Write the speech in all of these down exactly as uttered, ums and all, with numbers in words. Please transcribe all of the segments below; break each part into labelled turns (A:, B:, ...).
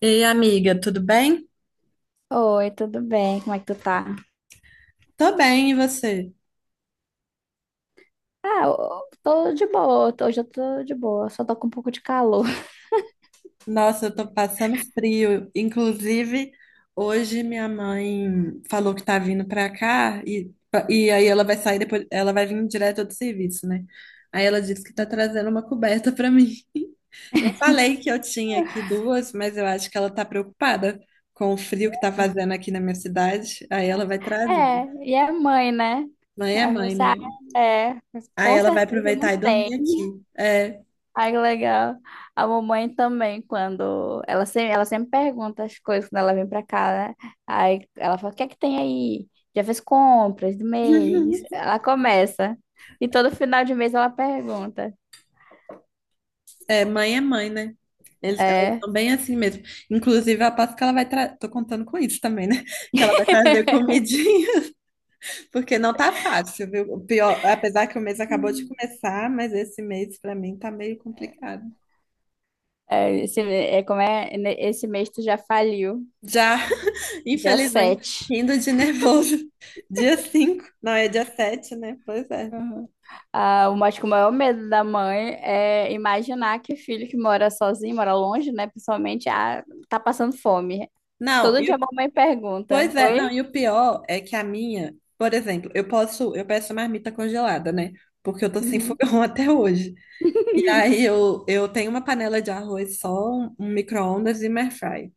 A: Ei, amiga, tudo bem?
B: Oi, tudo bem? Como é que tu tá?
A: Tô bem, e você?
B: Ah, eu tô de boa. Tô- Hoje eu tô de boa, só tô com um pouco de calor.
A: Nossa, eu tô passando frio. Inclusive, hoje minha mãe falou que tá vindo pra cá e, e aí ela vai sair depois, ela vai vir direto do serviço, né? Aí ela disse que tá trazendo uma coberta pra mim. Eu falei que eu tinha aqui duas, mas eu acho que ela tá preocupada com o frio que tá fazendo aqui na minha cidade. Aí ela vai trazer.
B: É, e é mãe, né?
A: Mãe é
B: É,
A: mãe,
B: você, ah,
A: né?
B: é, mas
A: Aí
B: com
A: ela vai
B: certeza não
A: aproveitar e
B: tem.
A: dormir aqui. É.
B: Ai, que legal. A mamãe também, quando ela sempre, ela sempre pergunta as coisas quando ela vem pra cá, né? Aí ela fala: o que é que tem aí? Já fez compras do mês? Ela começa. E todo final de mês ela pergunta.
A: É, mãe é mãe, né? Eles, elas
B: É.
A: são bem assim mesmo. Inclusive, eu aposto que ela vai trazer. Tô contando com isso também, né? Que ela vai trazer comidinha, porque não tá fácil, viu? O pior, apesar que o mês acabou de começar, mas esse mês pra mim tá meio complicado.
B: É, Esse, é, como é, né, esse mês tu já faliu,
A: Já,
B: dia
A: infelizmente,
B: sete.
A: indo de nervoso. Dia cinco? Não é dia sete, né? Pois é.
B: Uhum. Ah, o- acho que o maior medo da mãe é imaginar que o filho que mora sozinho, mora longe, né, principalmente, ah, tá passando fome.
A: Não,
B: Todo
A: e
B: dia a
A: o-
B: mamãe pergunta,
A: Pois é, não,
B: oi?
A: e o pior é que a minha, por exemplo, eu posso, eu peço marmita congelada, né? Porque eu tô sem
B: Uhum.
A: fogão até hoje. E aí eu, eu tenho uma panela de arroz só, um, um micro-ondas e uma airfry.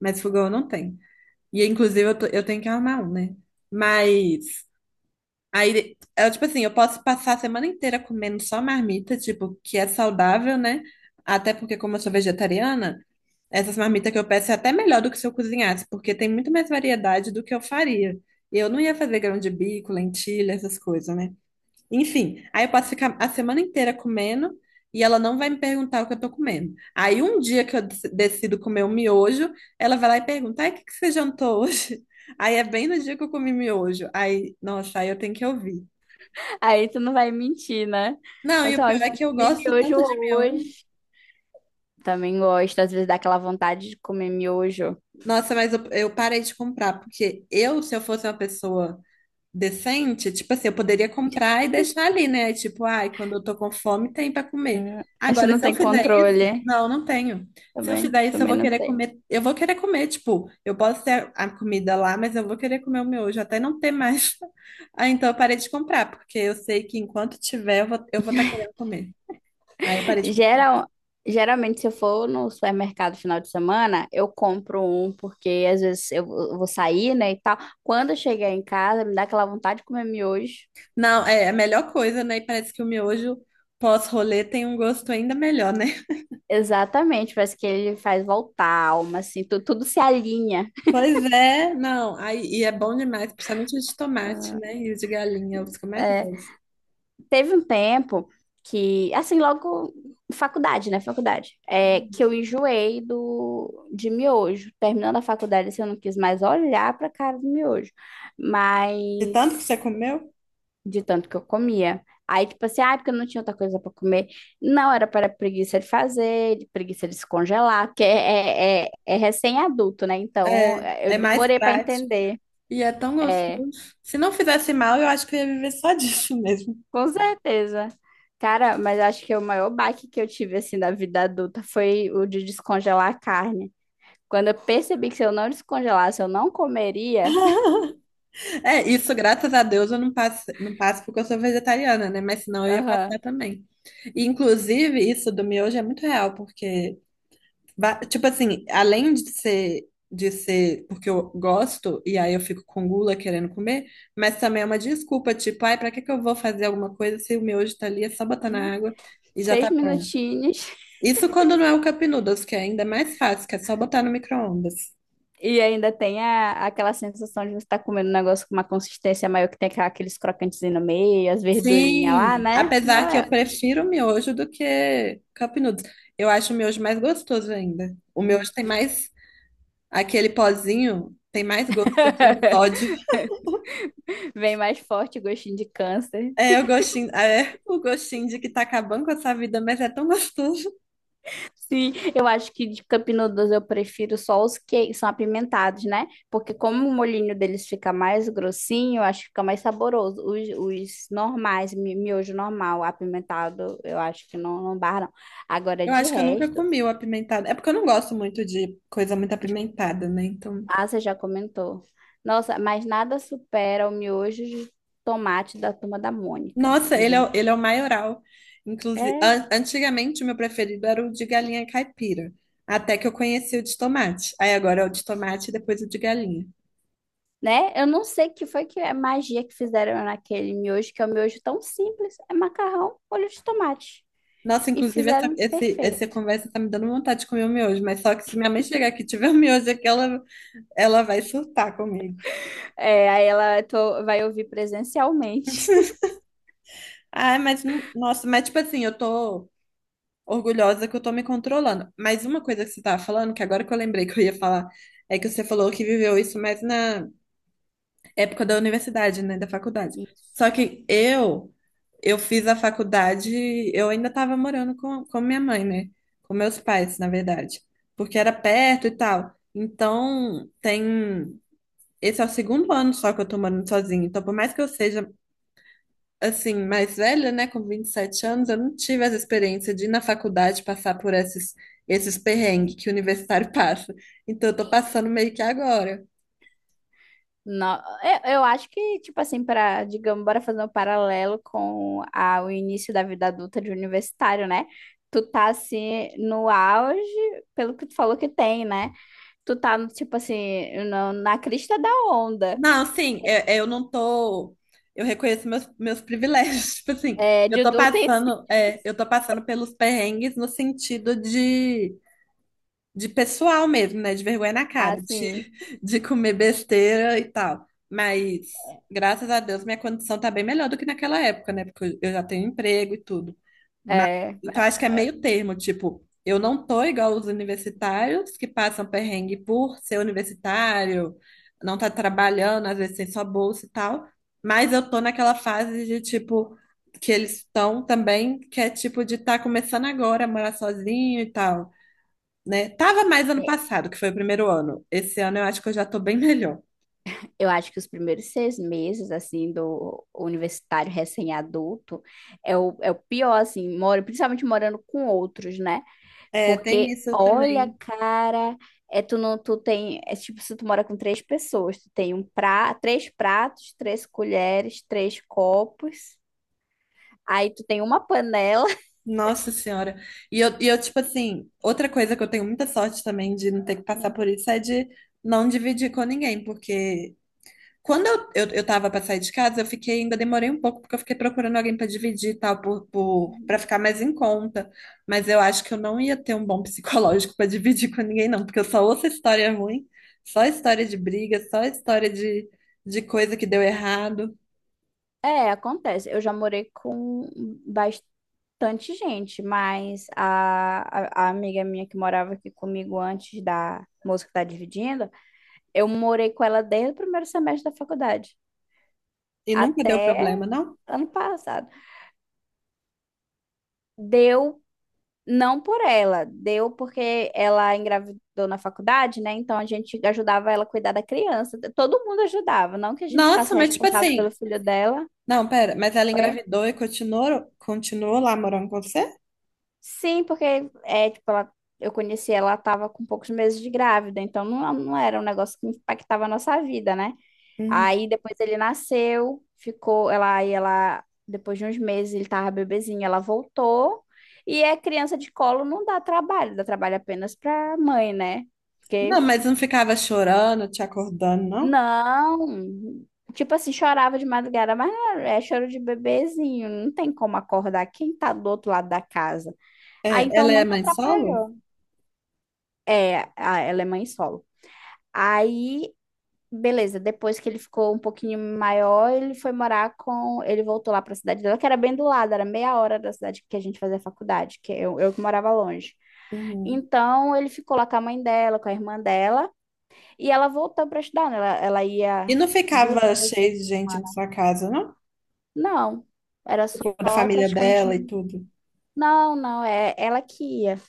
A: Mas fogão eu não tenho. E inclusive eu, tô- eu tenho que arrumar um, né? Mas aí, eu, tipo assim, eu posso passar a semana inteira comendo só marmita, tipo, que é saudável, né? Até porque como eu sou vegetariana, essas marmitas que eu peço é até melhor do que se eu cozinhasse, porque tem muito mais variedade do que eu faria. E eu não ia fazer grão de bico, lentilha, essas coisas, né? Enfim, aí eu posso ficar a semana inteira comendo e ela não vai me perguntar o que eu tô comendo. Aí um dia que eu dec- decido comer um miojo, ela vai lá e pergunta: ai, o que que você jantou hoje? Aí é bem no dia que eu comi miojo. Aí, nossa, aí eu tenho que ouvir.
B: Aí tu não vai mentir, né?
A: Não,
B: Fala
A: e
B: assim,
A: o
B: ó, eu
A: pior é
B: fui
A: que eu
B: comer
A: gosto
B: miojo
A: tanto de miojo.
B: hoje. Também gosto, às vezes dá aquela vontade de comer miojo.
A: Nossa, mas eu, eu parei de comprar, porque eu, se eu fosse uma pessoa decente, tipo assim, eu poderia comprar e deixar ali, né? Tipo, ai, quando eu tô com fome, tem pra comer.
B: Uhum. Isso
A: Agora,
B: não
A: se eu
B: tem
A: fizer isso,
B: controle.
A: não, não tenho. Se eu
B: Também,
A: fizer isso, eu
B: também
A: vou
B: não
A: querer
B: tem.
A: comer, eu vou querer comer, tipo, eu posso ter a comida lá, mas eu vou querer comer o miojo até não ter mais. Ah, então eu parei de comprar, porque eu sei que enquanto tiver, eu vou, eu vou estar querendo comer. Aí eu parei de comprar.
B: Geral, geralmente, se eu for no supermercado final de semana, eu compro um, porque às vezes eu vou eu vou sair, né, e tal. Quando eu chegar em casa, me dá aquela vontade de comer miojo.
A: Não, é é a melhor coisa, né? E parece que o miojo pós-rolê tem um gosto ainda melhor, né?
B: Exatamente, parece que ele faz voltar a alma, assim, tu- tudo se alinha.
A: Pois é, não. Aí, e é bom demais, principalmente os de tomate, né? E os de galinha, os que eu mais
B: É,
A: gosto.
B: teve um tempo que, assim, logo faculdade, né, faculdade, é, que eu enjoei do, de miojo. Terminando a faculdade, assim, eu não quis mais olhar pra cara do miojo.
A: De
B: Mas
A: tanto que você comeu,
B: de tanto que eu comia. Aí, tipo assim, ah, porque eu não tinha outra coisa para comer. Não, era para preguiça de fazer, de preguiça de se congelar, porque é, é, é é recém-adulto, né? Então,
A: é,
B: é, eu
A: é mais
B: demorei para
A: prático.
B: entender.
A: E é tão
B: É,
A: gostoso. Se não fizesse mal, eu acho que eu ia viver só disso mesmo.
B: com certeza. Cara, mas acho que o maior baque que eu tive, assim, da vida adulta foi o de descongelar a carne. Quando eu percebi que se eu não descongelasse, eu não comeria.
A: É, isso, graças a Deus, eu não passo, não passo porque eu sou vegetariana, né? Mas senão eu ia passar
B: Aham.
A: também. E, inclusive, isso do miojo é muito real, porque Va- tipo assim, além de ser, de ser porque eu gosto e aí eu fico com gula querendo comer, mas também é uma desculpa, tipo, ai, pra que que eu vou fazer alguma coisa se o miojo tá ali, é só botar
B: Né?
A: na água e já
B: Três
A: tá pronto.
B: minutinhos.
A: Isso quando não é o Cup Noodles, que é ainda mais fácil, que é só botar no micro-ondas.
B: E ainda tem a, aquela sensação de você estar comendo um negócio com uma consistência maior que tem aquela- aqueles crocantes no meio, as verdurinhas lá,
A: Sim,
B: né?
A: apesar
B: Não
A: que eu
B: é.
A: prefiro o miojo do que Cup Noodles. Eu acho o miojo mais gostoso ainda. O
B: Uhum.
A: miojo tem mais, aquele pozinho, tem mais gosto de sódio.
B: Vem mais forte o gostinho de câncer.
A: É o gostinho, é o gostinho de que tá acabando com essa vida, mas é tão gostoso.
B: Sim, eu acho que de Cup Noodles eu prefiro só os que são apimentados, né? Porque como o molhinho deles fica mais grossinho, eu acho que fica mais saboroso. Os, os normais, mi- miojo normal, apimentado, eu acho que não, não barra, não. Agora,
A: Eu
B: de
A: acho que eu nunca
B: resto.
A: comi o apimentado. É porque eu não gosto muito de coisa muito apimentada, né? Então,
B: Ah, você já comentou. Nossa, mas nada supera o miojo de tomate da Turma da Mônica.
A: nossa,
B: Aquele
A: ele é, o-
B: verde.
A: ele é o maioral. Inclusive,
B: É,
A: an- antigamente o meu preferido era o de galinha caipira, até que eu conheci o de tomate. Aí agora é o de tomate e depois o de galinha.
B: né? Eu não sei que foi que é magia que fizeram naquele miojo, que é um miojo tão simples. É macarrão, molho de tomate.
A: Nossa,
B: E
A: inclusive essa,
B: fizeram
A: esse, essa
B: perfeito.
A: conversa tá me dando vontade de comer o miojo, mas só que se minha mãe chegar aqui e tiver o miojo aqui, ela, ela vai surtar comigo.
B: É, aí ela tô- vai ouvir presencialmente.
A: Ah, mas não, nossa, mas tipo assim, eu tô orgulhosa que eu tô me controlando. Mas uma coisa que você tava falando, que agora que eu lembrei que eu ia falar, é que você falou que viveu isso mais na época da universidade, né, da faculdade.
B: Isso.
A: Só que eu eu fiz a faculdade, eu ainda tava morando com, com minha mãe, né? Com meus pais, na verdade, porque era perto e tal. Então, tem Esse é o segundo ano só que eu tô morando sozinha. Então, por mais que eu seja assim, mais velha, né, com vinte e sete anos, eu não tive essa experiência de ir na faculdade passar por esses, esses perrengues que o universitário passa. Então, eu tô passando meio que agora.
B: Não, eu, eu acho que, tipo assim, para, digamos, bora fazer um paralelo com a, o início da vida adulta de universitário, né? Tu tá, assim, no auge, pelo que tu falou que tem, né? Tu tá, tipo assim, no- na crista da onda,
A: Não, sim, eu, eu não tô. Eu reconheço meus, meus privilégios. Tipo assim,
B: é,
A: eu
B: de
A: tô passando, é,
B: utensílios,
A: eu tô passando pelos perrengues no sentido de de pessoal mesmo, né? De vergonha na cara,
B: assim,
A: de, de comer besteira e tal. Mas, graças a Deus, minha condição tá bem melhor do que naquela época, né? Porque eu já tenho emprego e tudo. Mas,
B: é,
A: então, acho que é meio termo, tipo, eu não tô igual os universitários que passam perrengue por ser universitário, não tá trabalhando, às vezes tem só bolsa e tal. Mas eu tô naquela fase de, tipo, que eles estão também, que é tipo de estar começando agora a morar sozinho e tal né? Tava mais ano
B: é,
A: passado, que foi o primeiro ano. Esse ano eu acho que eu já tô bem melhor.
B: eu acho que os primeiros seis meses, assim, do universitário recém-adulto é o, é o pior, assim, mora, principalmente morando com outros, né?
A: É, tem
B: Porque,
A: isso
B: olha,
A: também.
B: cara, é tu não, tu tem, é tipo se tu mora com três pessoas, tu tem um pra, três pratos, três colheres, três copos, aí tu tem uma panela.
A: Nossa Senhora. E eu, e eu, tipo assim, outra coisa que eu tenho muita sorte também de não ter que passar por isso é de não dividir com ninguém, porque quando eu, eu, eu tava para sair de casa, eu fiquei, ainda demorei um pouco, porque eu fiquei procurando alguém para dividir e tal, por, por, para ficar mais em conta. Mas eu acho que eu não ia ter um bom psicológico para dividir com ninguém, não, porque eu só ouço história ruim, só história de briga, só história de, de coisa que deu errado.
B: É, acontece. Eu já morei com bastante gente, mas a, a, a amiga minha que morava aqui comigo antes da moça que tá dividindo, eu morei com ela desde o primeiro semestre da faculdade
A: E nunca deu
B: até
A: problema, não?
B: ano passado. Deu Não por ela, deu porque ela engravidou na faculdade, né? Então a gente ajudava ela a cuidar da criança. Todo mundo ajudava, não que a gente ficasse
A: Nossa, mas tipo
B: responsável pelo
A: assim,
B: filho dela.
A: não, pera, mas ela engravidou e continuou, continuou lá morando com você?
B: Sim, porque é, tipo, ela, eu conheci ela, estava com poucos meses de grávida, então não, não era um negócio que impactava a nossa vida, né?
A: Uhum.
B: Aí depois ele nasceu, ficou, ela, aí ela, depois de uns meses ele tava bebezinho, ela voltou, e é criança de colo não dá trabalho, dá trabalho apenas pra mãe, né?
A: Não,
B: Porque,
A: mas não ficava chorando, te acordando, não?
B: não, tipo assim, chorava de madrugada, mas não, é é choro de bebezinho, não tem como acordar quem tá do outro lado da casa.
A: É,
B: Aí então
A: ela é
B: nunca
A: mãe solo?
B: atrapalhou. É, a- ela é mãe solo. Aí, beleza, depois que ele ficou um pouquinho maior, ele foi morar com. Ele voltou lá pra cidade dela, que era bem do lado, era meia hora da cidade que a gente fazia faculdade, que eu, eu que morava longe.
A: Uhum.
B: Então, ele ficou lá com a mãe dela, com a irmã dela, e ela voltou pra estudar, né? Ela, ela ia
A: E não
B: duas,
A: ficava
B: três
A: cheio
B: vezes.
A: de gente na sua casa, não?
B: Não, era só
A: Tipo, da família
B: praticamente.
A: dela e
B: um,
A: tudo.
B: Não, não, é ela que ia.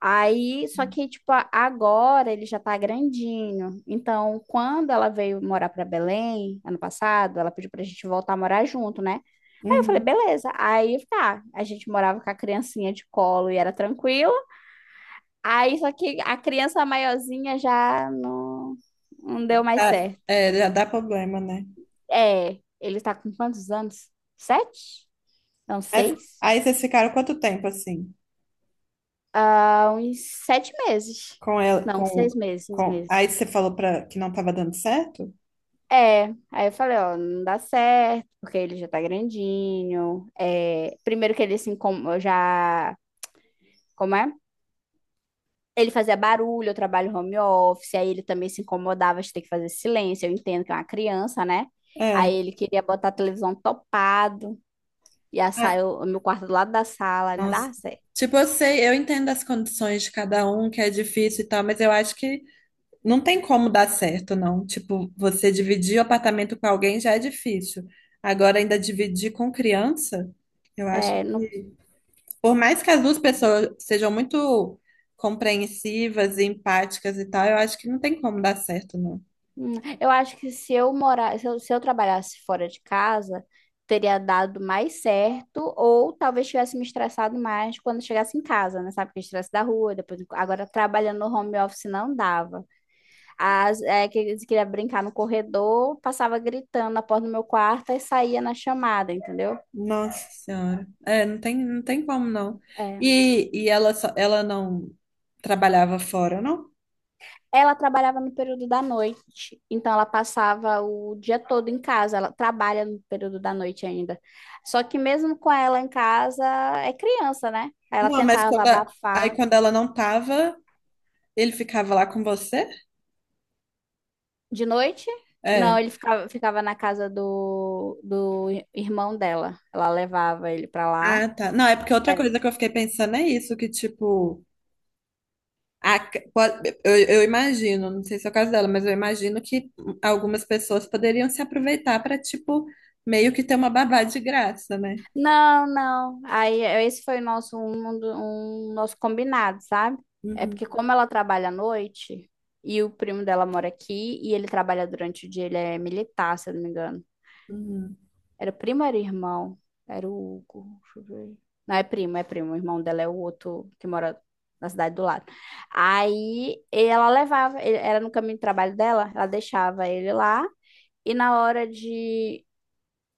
B: Aí, só que, tipo, a- agora ele já tá grandinho. Então, quando ela veio morar pra Belém, ano passado, ela pediu pra gente voltar a morar junto, né? Aí eu falei,
A: Uhum.
B: beleza. Aí, tá, a gente morava com a criancinha de colo e era tranquilo. Aí, só que a criança maiorzinha já não, não deu mais
A: Tá,
B: certo.
A: é, já dá problema, né?
B: É, ele tá com quantos anos? Sete? Não,
A: Mas
B: seis?
A: aí vocês ficaram quanto tempo assim?
B: Ah, uns sete meses.
A: Com ela,
B: Não,
A: com,
B: seis meses, seis
A: com... Aí
B: meses.
A: você falou para que não estava dando certo?
B: É, aí eu falei, ó, não dá certo, porque ele já tá grandinho. É, primeiro que ele se incomodava, já, como é? Ele fazia barulho, eu trabalho home office, aí ele também se incomodava de ter que fazer silêncio, eu entendo que é uma criança, né? Aí
A: É.
B: ele queria botar a televisão topado, e a
A: Ah,
B: sala, o meu quarto do lado da sala, não
A: nossa.
B: dá certo.
A: Tipo, eu sei, eu entendo as condições de cada um, que é difícil e tal, mas eu acho que não tem como dar certo, não. Tipo, você dividir o apartamento com alguém já é difícil. Agora, ainda dividir com criança, eu acho
B: É, não.
A: que, por mais que as duas pessoas sejam muito compreensivas e empáticas e tal, eu acho que não tem como dar certo, não.
B: Hum, Eu acho que se eu morar, se eu, se eu trabalhasse fora de casa, teria dado mais certo, ou talvez tivesse me estressado mais quando chegasse em casa, né? Sabe que estresse da rua, depois agora trabalhando no home office não dava. As, é, que eles queria brincar no corredor, passava gritando na porta do meu quarto e saía na chamada, entendeu?
A: Nossa Senhora. É, não tem, não tem como, não. E, e ela, só, ela não trabalhava fora, não?
B: Ela trabalhava no período da noite, então ela passava o dia todo em casa. Ela trabalha no período da noite ainda. Só que mesmo com ela em casa, é criança, né? Aí ela
A: Não, mas
B: tentava
A: quando a- aí
B: abafar.
A: quando ela não tava, ele ficava lá com você?
B: De noite? Não,
A: É.
B: ele ficava, ficava na casa do, do irmão dela. Ela levava ele pra lá.
A: Ah, tá. Não, é porque outra
B: É,
A: coisa que eu fiquei pensando é isso, que tipo, a, pode- eu, eu imagino, não sei se é o caso dela, mas eu imagino que algumas pessoas poderiam se aproveitar para tipo, meio que ter uma babá de graça, né?
B: não, não. Aí eh, esse foi o nosso um, um do- um nosso combinado, sabe? É
A: Uhum,
B: porque como ela trabalha à noite e o primo dela mora aqui e ele trabalha durante o dia, ele é militar, se eu não me engano.
A: uhum.
B: Era primo, ou era irmão, era o Hugo, deixa eu ver. Não é primo, é primo. O irmão dela é o outro que mora na cidade do lado. Aí ela levava, ele- era no caminho de trabalho dela, ela deixava ele lá e na hora de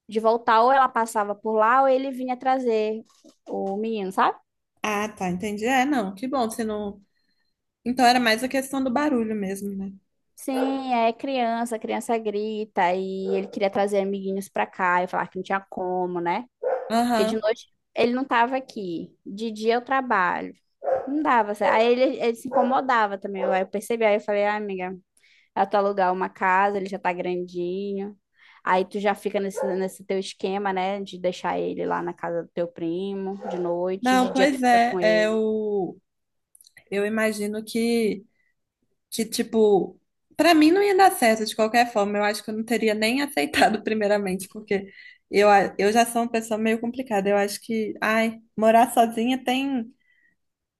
B: de voltar, ou ela passava por lá, ou ele vinha trazer o menino, sabe?
A: Ah, tá, entendi. É, não, que bom, se não. Então era mais a questão do barulho mesmo, né?
B: Sim, é criança, criança grita, e ele queria trazer amiguinhos pra cá, e falar que não tinha como, né? Porque de
A: Aham.
B: noite ele não tava aqui, de dia eu trabalho, não dava certo. Aí ele, ele se incomodava também, eu, aí eu percebi, aí eu falei, ah, amiga, é tu alugar uma casa, ele já tá grandinho, aí tu já fica nesse, nesse teu esquema, né, de deixar ele lá na casa do teu primo, de noite, de
A: Não,
B: dia tu
A: pois
B: fica
A: é,
B: com
A: é
B: ele.
A: o... eu imagino que. Que, tipo, pra mim não ia dar certo de qualquer forma. Eu acho que eu não teria nem aceitado primeiramente, porque eu, a- eu já sou uma pessoa meio complicada. Eu acho que, ai, morar sozinha tem,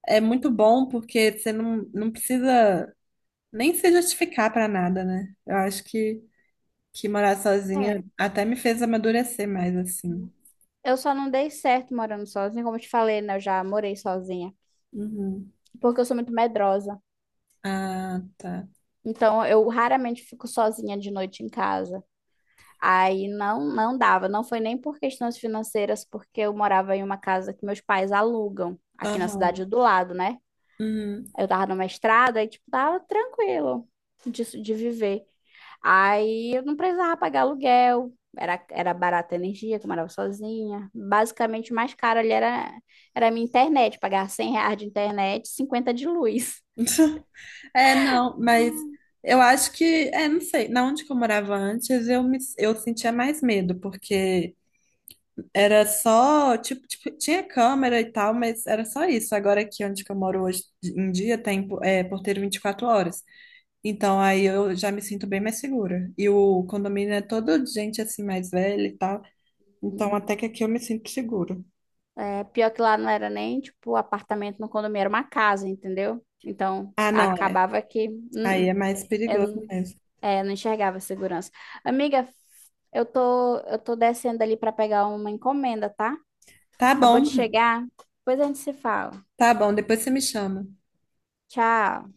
A: é muito bom, porque você não, não precisa nem se justificar pra nada, né? Eu acho que, que morar sozinha até me fez amadurecer mais, assim.
B: É. Eu só não dei certo morando sozinha, como eu te falei, né? Eu já morei sozinha,
A: Uhum.
B: porque eu sou muito medrosa.
A: Ah, tá.
B: Então, eu raramente fico sozinha de noite em casa. Aí não, não dava, não foi nem por questões financeiras, porque eu morava em uma casa que meus pais alugam, aqui na
A: Aham.
B: cidade do lado, né?
A: Uhum.
B: Eu tava numa estrada e, tipo, tava tranquilo disso de viver. Aí eu não precisava pagar aluguel, era, era barata a energia, que eu morava sozinha. Basicamente, o mais caro ali era, era a minha internet, pagar cem reais de internet, cinquenta de luz.
A: É, não, mas eu acho que, é, não sei, na onde que eu morava antes, eu me, eu sentia mais medo, porque era só, tipo, tipo, tinha câmera e tal, mas era só isso. Agora aqui onde que eu moro hoje em dia tem é, porteiro vinte e quatro horas. Então aí eu já me sinto bem mais segura. E o condomínio é todo de gente assim mais velha e tal. Então
B: Hum.
A: até que aqui eu me sinto seguro.
B: É, pior que lá não era nem, tipo, apartamento no condomínio, era uma casa, entendeu? Então,
A: Ah, não, é.
B: acabava que hum,
A: Aí
B: hum,
A: é mais
B: eu
A: perigoso
B: não-
A: mesmo.
B: é, não enxergava segurança. Amiga, eu tô, eu tô descendo ali para pegar uma encomenda, tá?
A: Tá
B: Acabou de
A: bom,
B: chegar, depois a gente se fala.
A: tá bom, depois você me chama.
B: Tchau.